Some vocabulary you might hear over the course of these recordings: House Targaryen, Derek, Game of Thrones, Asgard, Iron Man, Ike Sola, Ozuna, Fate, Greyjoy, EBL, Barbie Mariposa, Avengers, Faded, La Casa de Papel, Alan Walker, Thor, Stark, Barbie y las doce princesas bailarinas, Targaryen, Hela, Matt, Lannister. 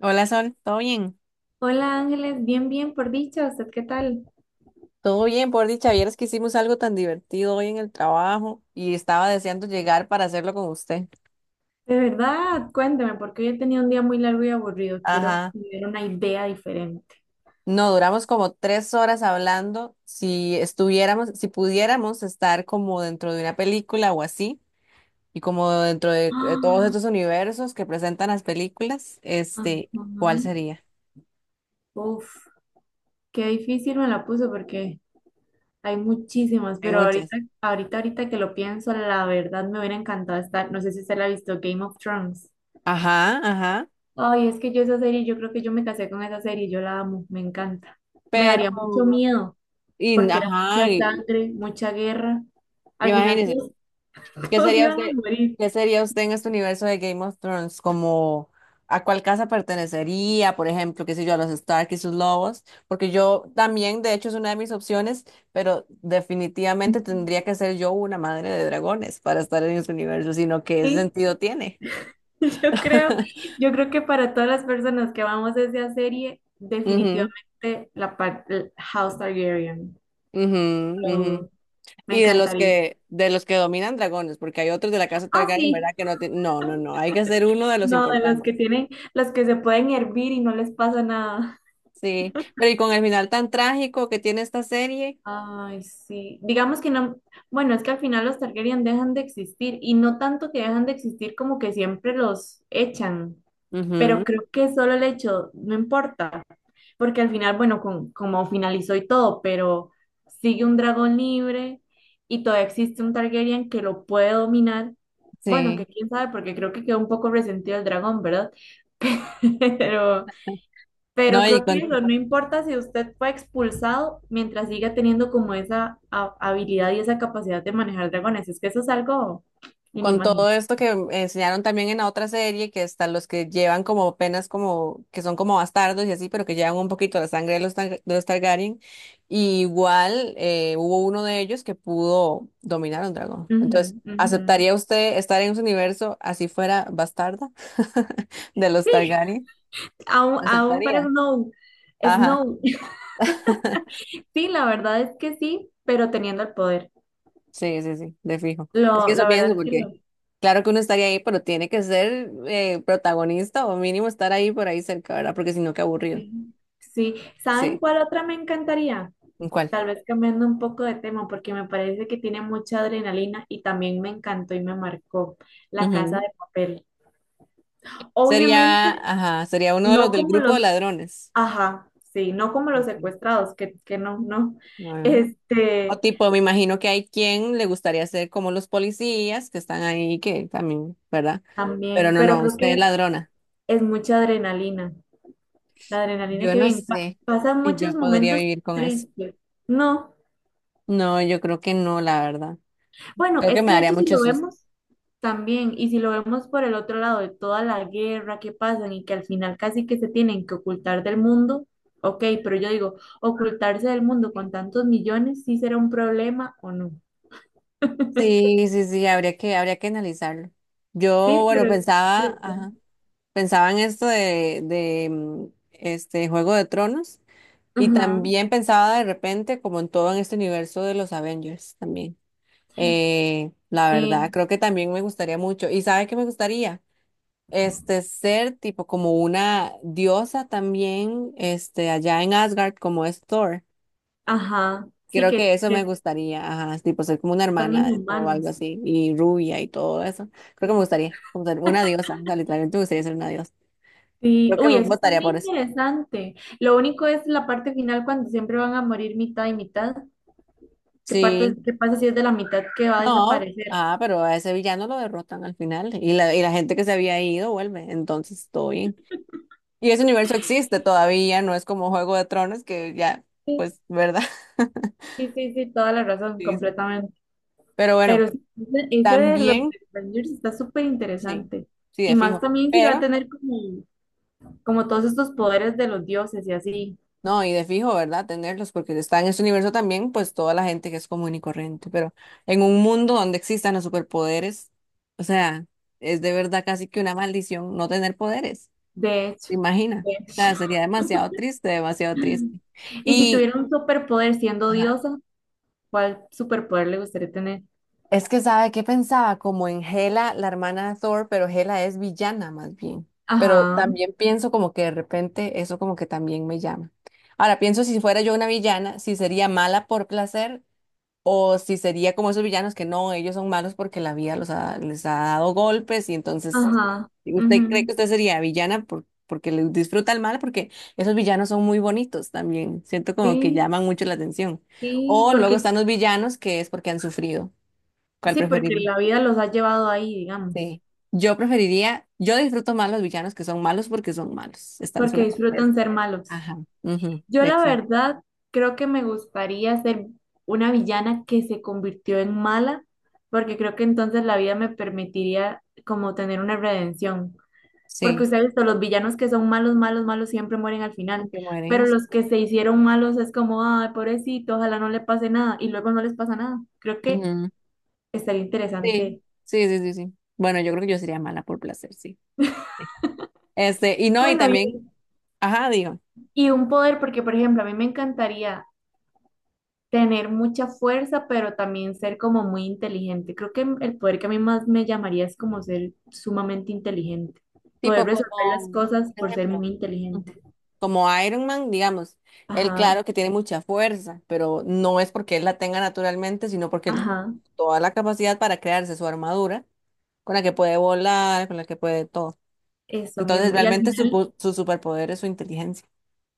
Hola Sol, ¿todo bien? Hola Ángeles, bien, bien, por dicha, ¿usted qué tal? Todo bien, por dicha, vieras que hicimos algo tan divertido hoy en el trabajo y estaba deseando llegar para hacerlo con usted. De verdad, cuénteme, porque hoy he tenido un día muy largo y aburrido, quiero Ajá. tener una idea diferente. No, duramos como 3 horas hablando. Si estuviéramos, si pudiéramos estar como dentro de una película o así, y como dentro de, todos estos universos que presentan las películas, Ah, ¿cuál ajá. sería? Uf, qué difícil me la puso porque hay muchísimas, Hay pero muchas. Ahorita que lo pienso, la verdad me hubiera encantado estar, no sé si usted la ha visto, Game of Thrones. Ajá, ajá. Ay, es que yo esa serie, yo creo que yo me casé con esa serie, yo la amo, me encanta. Me Pero, daría mucho miedo y, porque era ajá, mucha y, sangre, mucha guerra. Al final imagínense. todo ¿Qué todos sería iban a usted, morir. qué sería usted en este universo de Game of Thrones? Como a cuál casa pertenecería, por ejemplo, qué sé yo, a los Stark y sus lobos, porque yo también, de hecho, es una de mis opciones, pero definitivamente tendría que ser yo una madre de dragones para estar en este universo, sino qué Sí, sentido tiene. yo creo, yo creo que para todas las personas que amamos esa serie, Ujú, definitivamente la parte House Targaryen. ujú, No lo ujú. dudo. Me Y encantaría. De los que dominan dragones, porque hay otros de la casa Ah, Targaryen, sí. ¿verdad? Que no, no, no, no, hay que ser uno de los No, de los que importantes. tienen, los que se pueden hervir y no les pasa nada. Sí, pero y con el final tan trágico que tiene esta serie. Ay, sí. Digamos que no, bueno, es que al final los Targaryen dejan de existir y no tanto que dejan de existir como que siempre los echan, pero Ujú, creo que solo el hecho, no importa. Porque al final, bueno, con, como finalizó y todo, pero sigue un dragón libre y todavía existe un Targaryen que lo puede dominar. Bueno, sí. que quién sabe, porque creo que quedó un poco resentido el dragón, ¿verdad? Pero, pero No, y creo que eso, no importa si usted fue expulsado mientras siga teniendo como esa habilidad y esa capacidad de manejar dragones. Es que eso es algo con todo inimaginable. esto que enseñaron también en la otra serie, que están los que llevan como penas como, que son como bastardos y así, pero que llevan un poquito la sangre de los, de los Targaryen. Y igual hubo uno de ellos que pudo dominar a un dragón. Ujú, Entonces, ujú. ¿aceptaría usted estar en ese universo así fuera bastarda de los Sí, Targaryen? ¿Lo aún para aceptaría? Snow. Ajá. Snow. Sí, la verdad es que sí, pero teniendo el poder. Sí, sí, sí, de fijo. Es que Lo, eso la pienso verdad es que porque lo, claro que uno estaría ahí, pero tiene que ser protagonista o mínimo estar ahí por ahí cerca, ¿verdad? Porque si no, qué aburrido. sí. Sí. ¿Saben Sí. cuál otra me encantaría? ¿En cuál? Tal vez cambiando un poco de tema, porque me parece que tiene mucha adrenalina y también me encantó y me marcó La Casa Ujú. de Papel. Sería, Obviamente, ajá, sería uno de los no del como grupo de los, ladrones. ajá, sí, no como los Ok. secuestrados, que no, no, Bueno. O este, tipo, me imagino que hay quien le gustaría ser como los policías que están ahí, que también, ¿verdad? Pero también, no, pero no, creo usted es que ladrona. es mucha adrenalina, la adrenalina Yo que no bien, sé pasan si yo muchos podría momentos vivir con eso. tristes, ¿no? No, yo creo que no, la verdad. Bueno, Creo que es me que de daría hecho si mucho lo susto. vemos también, y si lo vemos por el otro lado de toda la guerra que pasan y que al final casi que se tienen que ocultar del mundo, ok, pero yo digo, ocultarse del mundo con tantos millones, ¿sí será un problema o no? Sí, sí, sí, habría que analizarlo. Yo, Sí, bueno, pero es pensaba, ajá, interesante. pensaba en esto de, de Juego de Tronos y Ajá, también pensaba de repente como en todo en este universo de los Avengers también. La verdad, sí, creo que también me gustaría mucho. ¿Y sabe qué me gustaría? Ser tipo como una diosa también, allá en Asgard, como es Thor. ajá, sí Creo que que eso me que gustaría, ajá, tipo ser como una son hermana o algo inhumanos. así, y rubia y todo eso. Creo que me Sí. gustaría, como ser una diosa, o sea, literalmente me gustaría ser una diosa. Sí, Creo que uy, me eso está votaría muy por eso. interesante. Lo único es la parte final cuando siempre van a morir mitad y mitad. ¿Qué parte, Sí, qué pasa si es de la mitad que va a no, desaparecer? ah, pero a ese villano lo derrotan al final, y la gente que se había ido vuelve, entonces todo bien. Y ese universo existe todavía, no es como Juego de Tronos, que ya, Sí, pues, ¿verdad? sí, sí, sí, toda la razón, Sí, sí. completamente. Pero bueno, Pero sí, ese de los también, de Avengers está súper sí, interesante. sí, Y de más fijo. también si va a Pero tener como, como todos estos poderes de los dioses y así. no, y de fijo, ¿verdad? Tenerlos, porque está en este universo también, pues toda la gente que es común y corriente, pero en un mundo donde existan los superpoderes, o sea, es de verdad casi que una maldición no tener poderes, De ¿te hecho, imaginas? de O sea, hecho. sería demasiado triste, demasiado triste. Y si Y tuviera un superpoder siendo ajá, diosa, ¿cuál superpoder le gustaría tener? es que, ¿sabe qué pensaba? Como en Hela, la hermana de Thor, pero Hela es villana más bien. Pero Ajá, también pienso como que de repente eso como que también me llama. Ahora pienso si fuera yo una villana, si sería mala por placer. O si sería como esos villanos que no, ellos son malos porque la vida les ha dado golpes y entonces ajá. usted cree que Ujú. usted sería villana porque le disfruta el mal, porque esos villanos son muy bonitos también. Siento como que Sí, llaman mucho la atención. sí, O luego porque, están los villanos que es porque han sufrido. ¿Cuál sí, porque preferiría? la vida los ha llevado ahí, digamos. Sí. Yo preferiría, yo disfruto más los villanos que son malos porque son malos, están en su Porque naturaleza. disfrutan ser malos. Ajá. Ujú, Yo la exacto. verdad creo que me gustaría ser una villana que se convirtió en mala, porque creo que entonces la vida me permitiría como tener una redención. Porque Sí. ustedes, los villanos que son malos, malos, malos siempre mueren al final, Que mueren. pero los que se hicieron malos es como, ay, pobrecito, ojalá no le pase nada, y luego no les pasa nada. Creo que estaría Sí, interesante. sí, sí, sí, sí. Bueno, yo creo que yo sería mala por placer, sí. Sí. Y no, y Bueno, y, también, ajá, digo, y un poder, porque por ejemplo, a mí me encantaría tener mucha fuerza, pero también ser como muy inteligente. Creo que el poder que a mí más me llamaría es como ser sumamente inteligente, poder tipo resolver como, las por cosas por ser ejemplo, muy ujú, inteligente. como Iron Man, digamos, él Ajá, claro que tiene mucha fuerza, pero no es porque él la tenga naturalmente, sino porque él ajá, toda la capacidad para crearse su armadura, con la que puede volar, con la que puede todo. eso Entonces, mismo. Y al realmente su, final, su superpoder es su inteligencia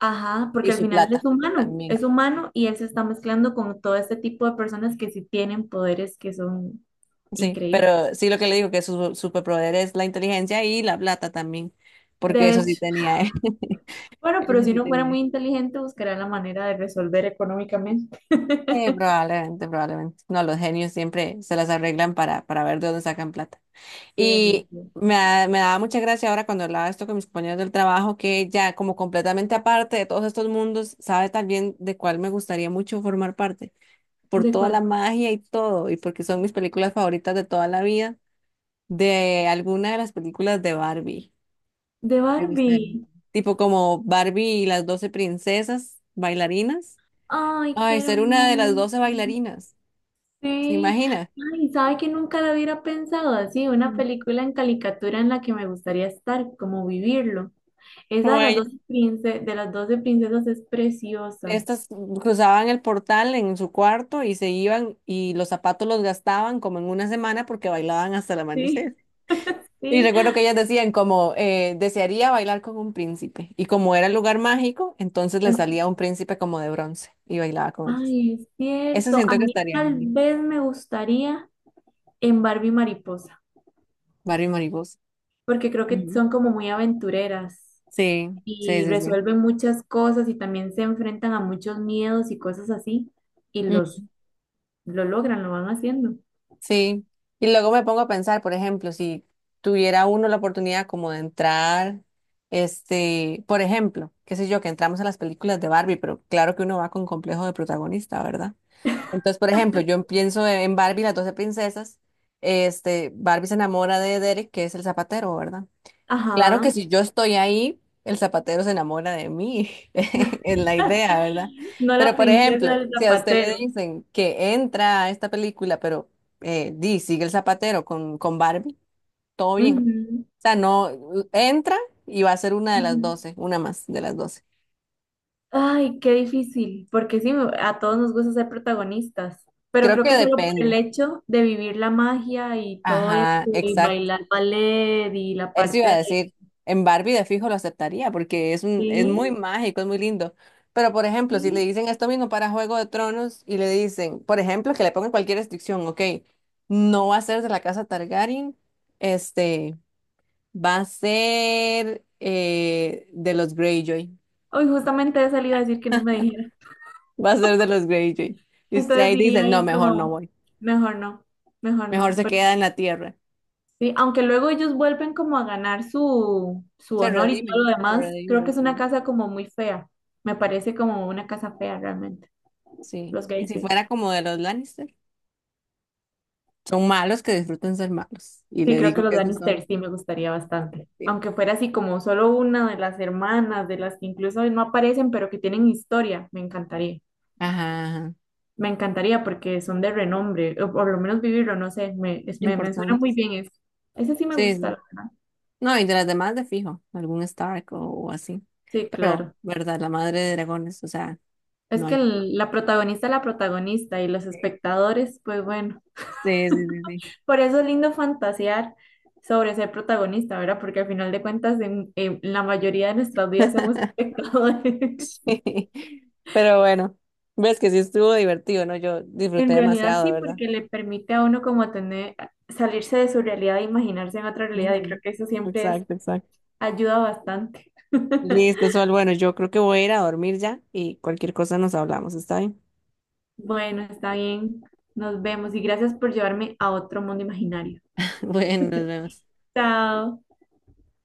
ajá, y porque al su final plata también. es humano y él se está mezclando con todo este tipo de personas que sí tienen poderes que son Sí, pero increíbles. sí lo que le digo, que su superpoder es la inteligencia y la plata también, porque De eso sí hecho, tenía, ¿eh? bueno, pero Eso si sí no fuera tenía. muy Él. inteligente, buscaría la manera de resolver económicamente. Probablemente, probablemente. No, los genios siempre se las arreglan para ver de dónde sacan plata. Sí, Y definitivo. Me daba mucha gracia ahora cuando hablaba esto con mis compañeros del trabajo, que ya como completamente aparte de todos estos mundos, sabe también de cuál me gustaría mucho formar parte, por ¿De toda cuál? la magia y todo, y porque son mis películas favoritas de toda la vida, de alguna de las películas de Barbie. De Me gustaría. Barbie. Tipo como Barbie y las 12 princesas bailarinas. Ay, Ay, qué ser una de las hermoso. 12 bailarinas, ¿se Sí. imagina? Ay, sabe que nunca lo hubiera pensado así, una Mm. película en caricatura en la que me gustaría estar, como vivirlo. Esa Como de las ellas, de las 12 princesas es preciosa. estas cruzaban el portal en su cuarto y se iban y los zapatos los gastaban como en una semana porque bailaban hasta el Sí, amanecer. Y sí. recuerdo que ellas decían como desearía bailar con un príncipe y como era el lugar mágico, entonces le En- salía un príncipe como de bronce y bailaba con ellas. Ay, es Eso cierto. A siento que mí estaría tal bien. vez me gustaría en Barbie Mariposa, Barbie Mariposa. porque creo que Ujú. son como muy aventureras. Sí, sí, Y sí, sí. resuelven muchas cosas y también se enfrentan a muchos miedos y cosas así y Mm, los lo logran, lo van haciendo. sí, y luego me pongo a pensar, por ejemplo, si tuviera uno la oportunidad como de entrar, por ejemplo, qué sé yo, que entramos a las películas de Barbie, pero claro que uno va con complejo de protagonista, ¿verdad? Entonces, por ejemplo, yo pienso en Barbie, las 12 princesas, Barbie se enamora de Derek, que es el zapatero, ¿verdad? Claro que Ajá. si yo estoy ahí, el zapatero se enamora de mí, es la idea, ¿verdad? No la Pero por ejemplo, princesa del si a usted le zapatero. dicen que entra a esta película, pero di, sigue el zapatero con Barbie, todo bien. O Ujú, sea, no, entra y va a ser una de las ujú. doce, una más de las 12. Ay, qué difícil, porque sí, a todos nos gusta ser protagonistas, pero Creo creo que que solo por el depende. hecho de vivir la magia y todo eso, Ajá, y bailar ballet y la eso iba parte a de... decir, en Barbie de fijo lo aceptaría porque es un, es muy Sí, mágico, es muy lindo. Pero por ejemplo, si le sí. dicen esto mismo para Juego de Tronos y le dicen, por ejemplo, que le pongan cualquier restricción, ok, no va a ser de la casa Targaryen, este, va a ser de los Greyjoy, Hoy justamente he salido a decir que no me dijeron. va a ser de los Greyjoy. Y usted Entonces ahí dice, diría no, ahí mejor no como, voy, mejor no, mejor mejor no, se queda porque en la tierra. sí, aunque luego ellos vuelven como a ganar su honor y todo lo Se demás, creo que redimen, es una sí, casa como muy fea. Me parece como una casa fea realmente, sí. los Y si Greyjoy. fuera como de los Lannister. Son malos que disfrutan ser malos. Y Sí, le creo digo que los que esos Lannister son sí me gustaría los bastante. atractivos. Aunque fuera así como solo una de las hermanas, de las que incluso no aparecen, pero que tienen historia, me encantaría. Ajá, ajá. Me encantaría porque son de renombre, o por lo menos vivirlo, no sé, me suena muy Importantes. bien eso. Ese sí me Sí, sí. gusta. No, y de las demás de fijo, algún Stark o así. Sí, Pero, claro. ¿verdad? La madre de dragones, o sea, Es no que hay. La protagonista es la protagonista y los espectadores, pues bueno, Sí, sí, sí, sí. por eso es lindo fantasear sobre ser protagonista, ¿verdad? Porque al final de cuentas en la mayoría de nuestras vidas somos espectadores. Sí. Pero bueno, ves que sí estuvo divertido, ¿no? Yo disfruté En realidad demasiado, sí, ¿verdad? porque le permite a uno como tener, salirse de su realidad e imaginarse en otra realidad y creo Ujú. que eso siempre es, Exacto, exacto. ayuda bastante. Listo, Sol. Bueno, yo creo que voy a ir a dormir ya y cualquier cosa nos hablamos, ¿está bien? Bueno, está bien, nos vemos y gracias por llevarme a otro mundo imaginario. Bueno, nos vemos. Chao.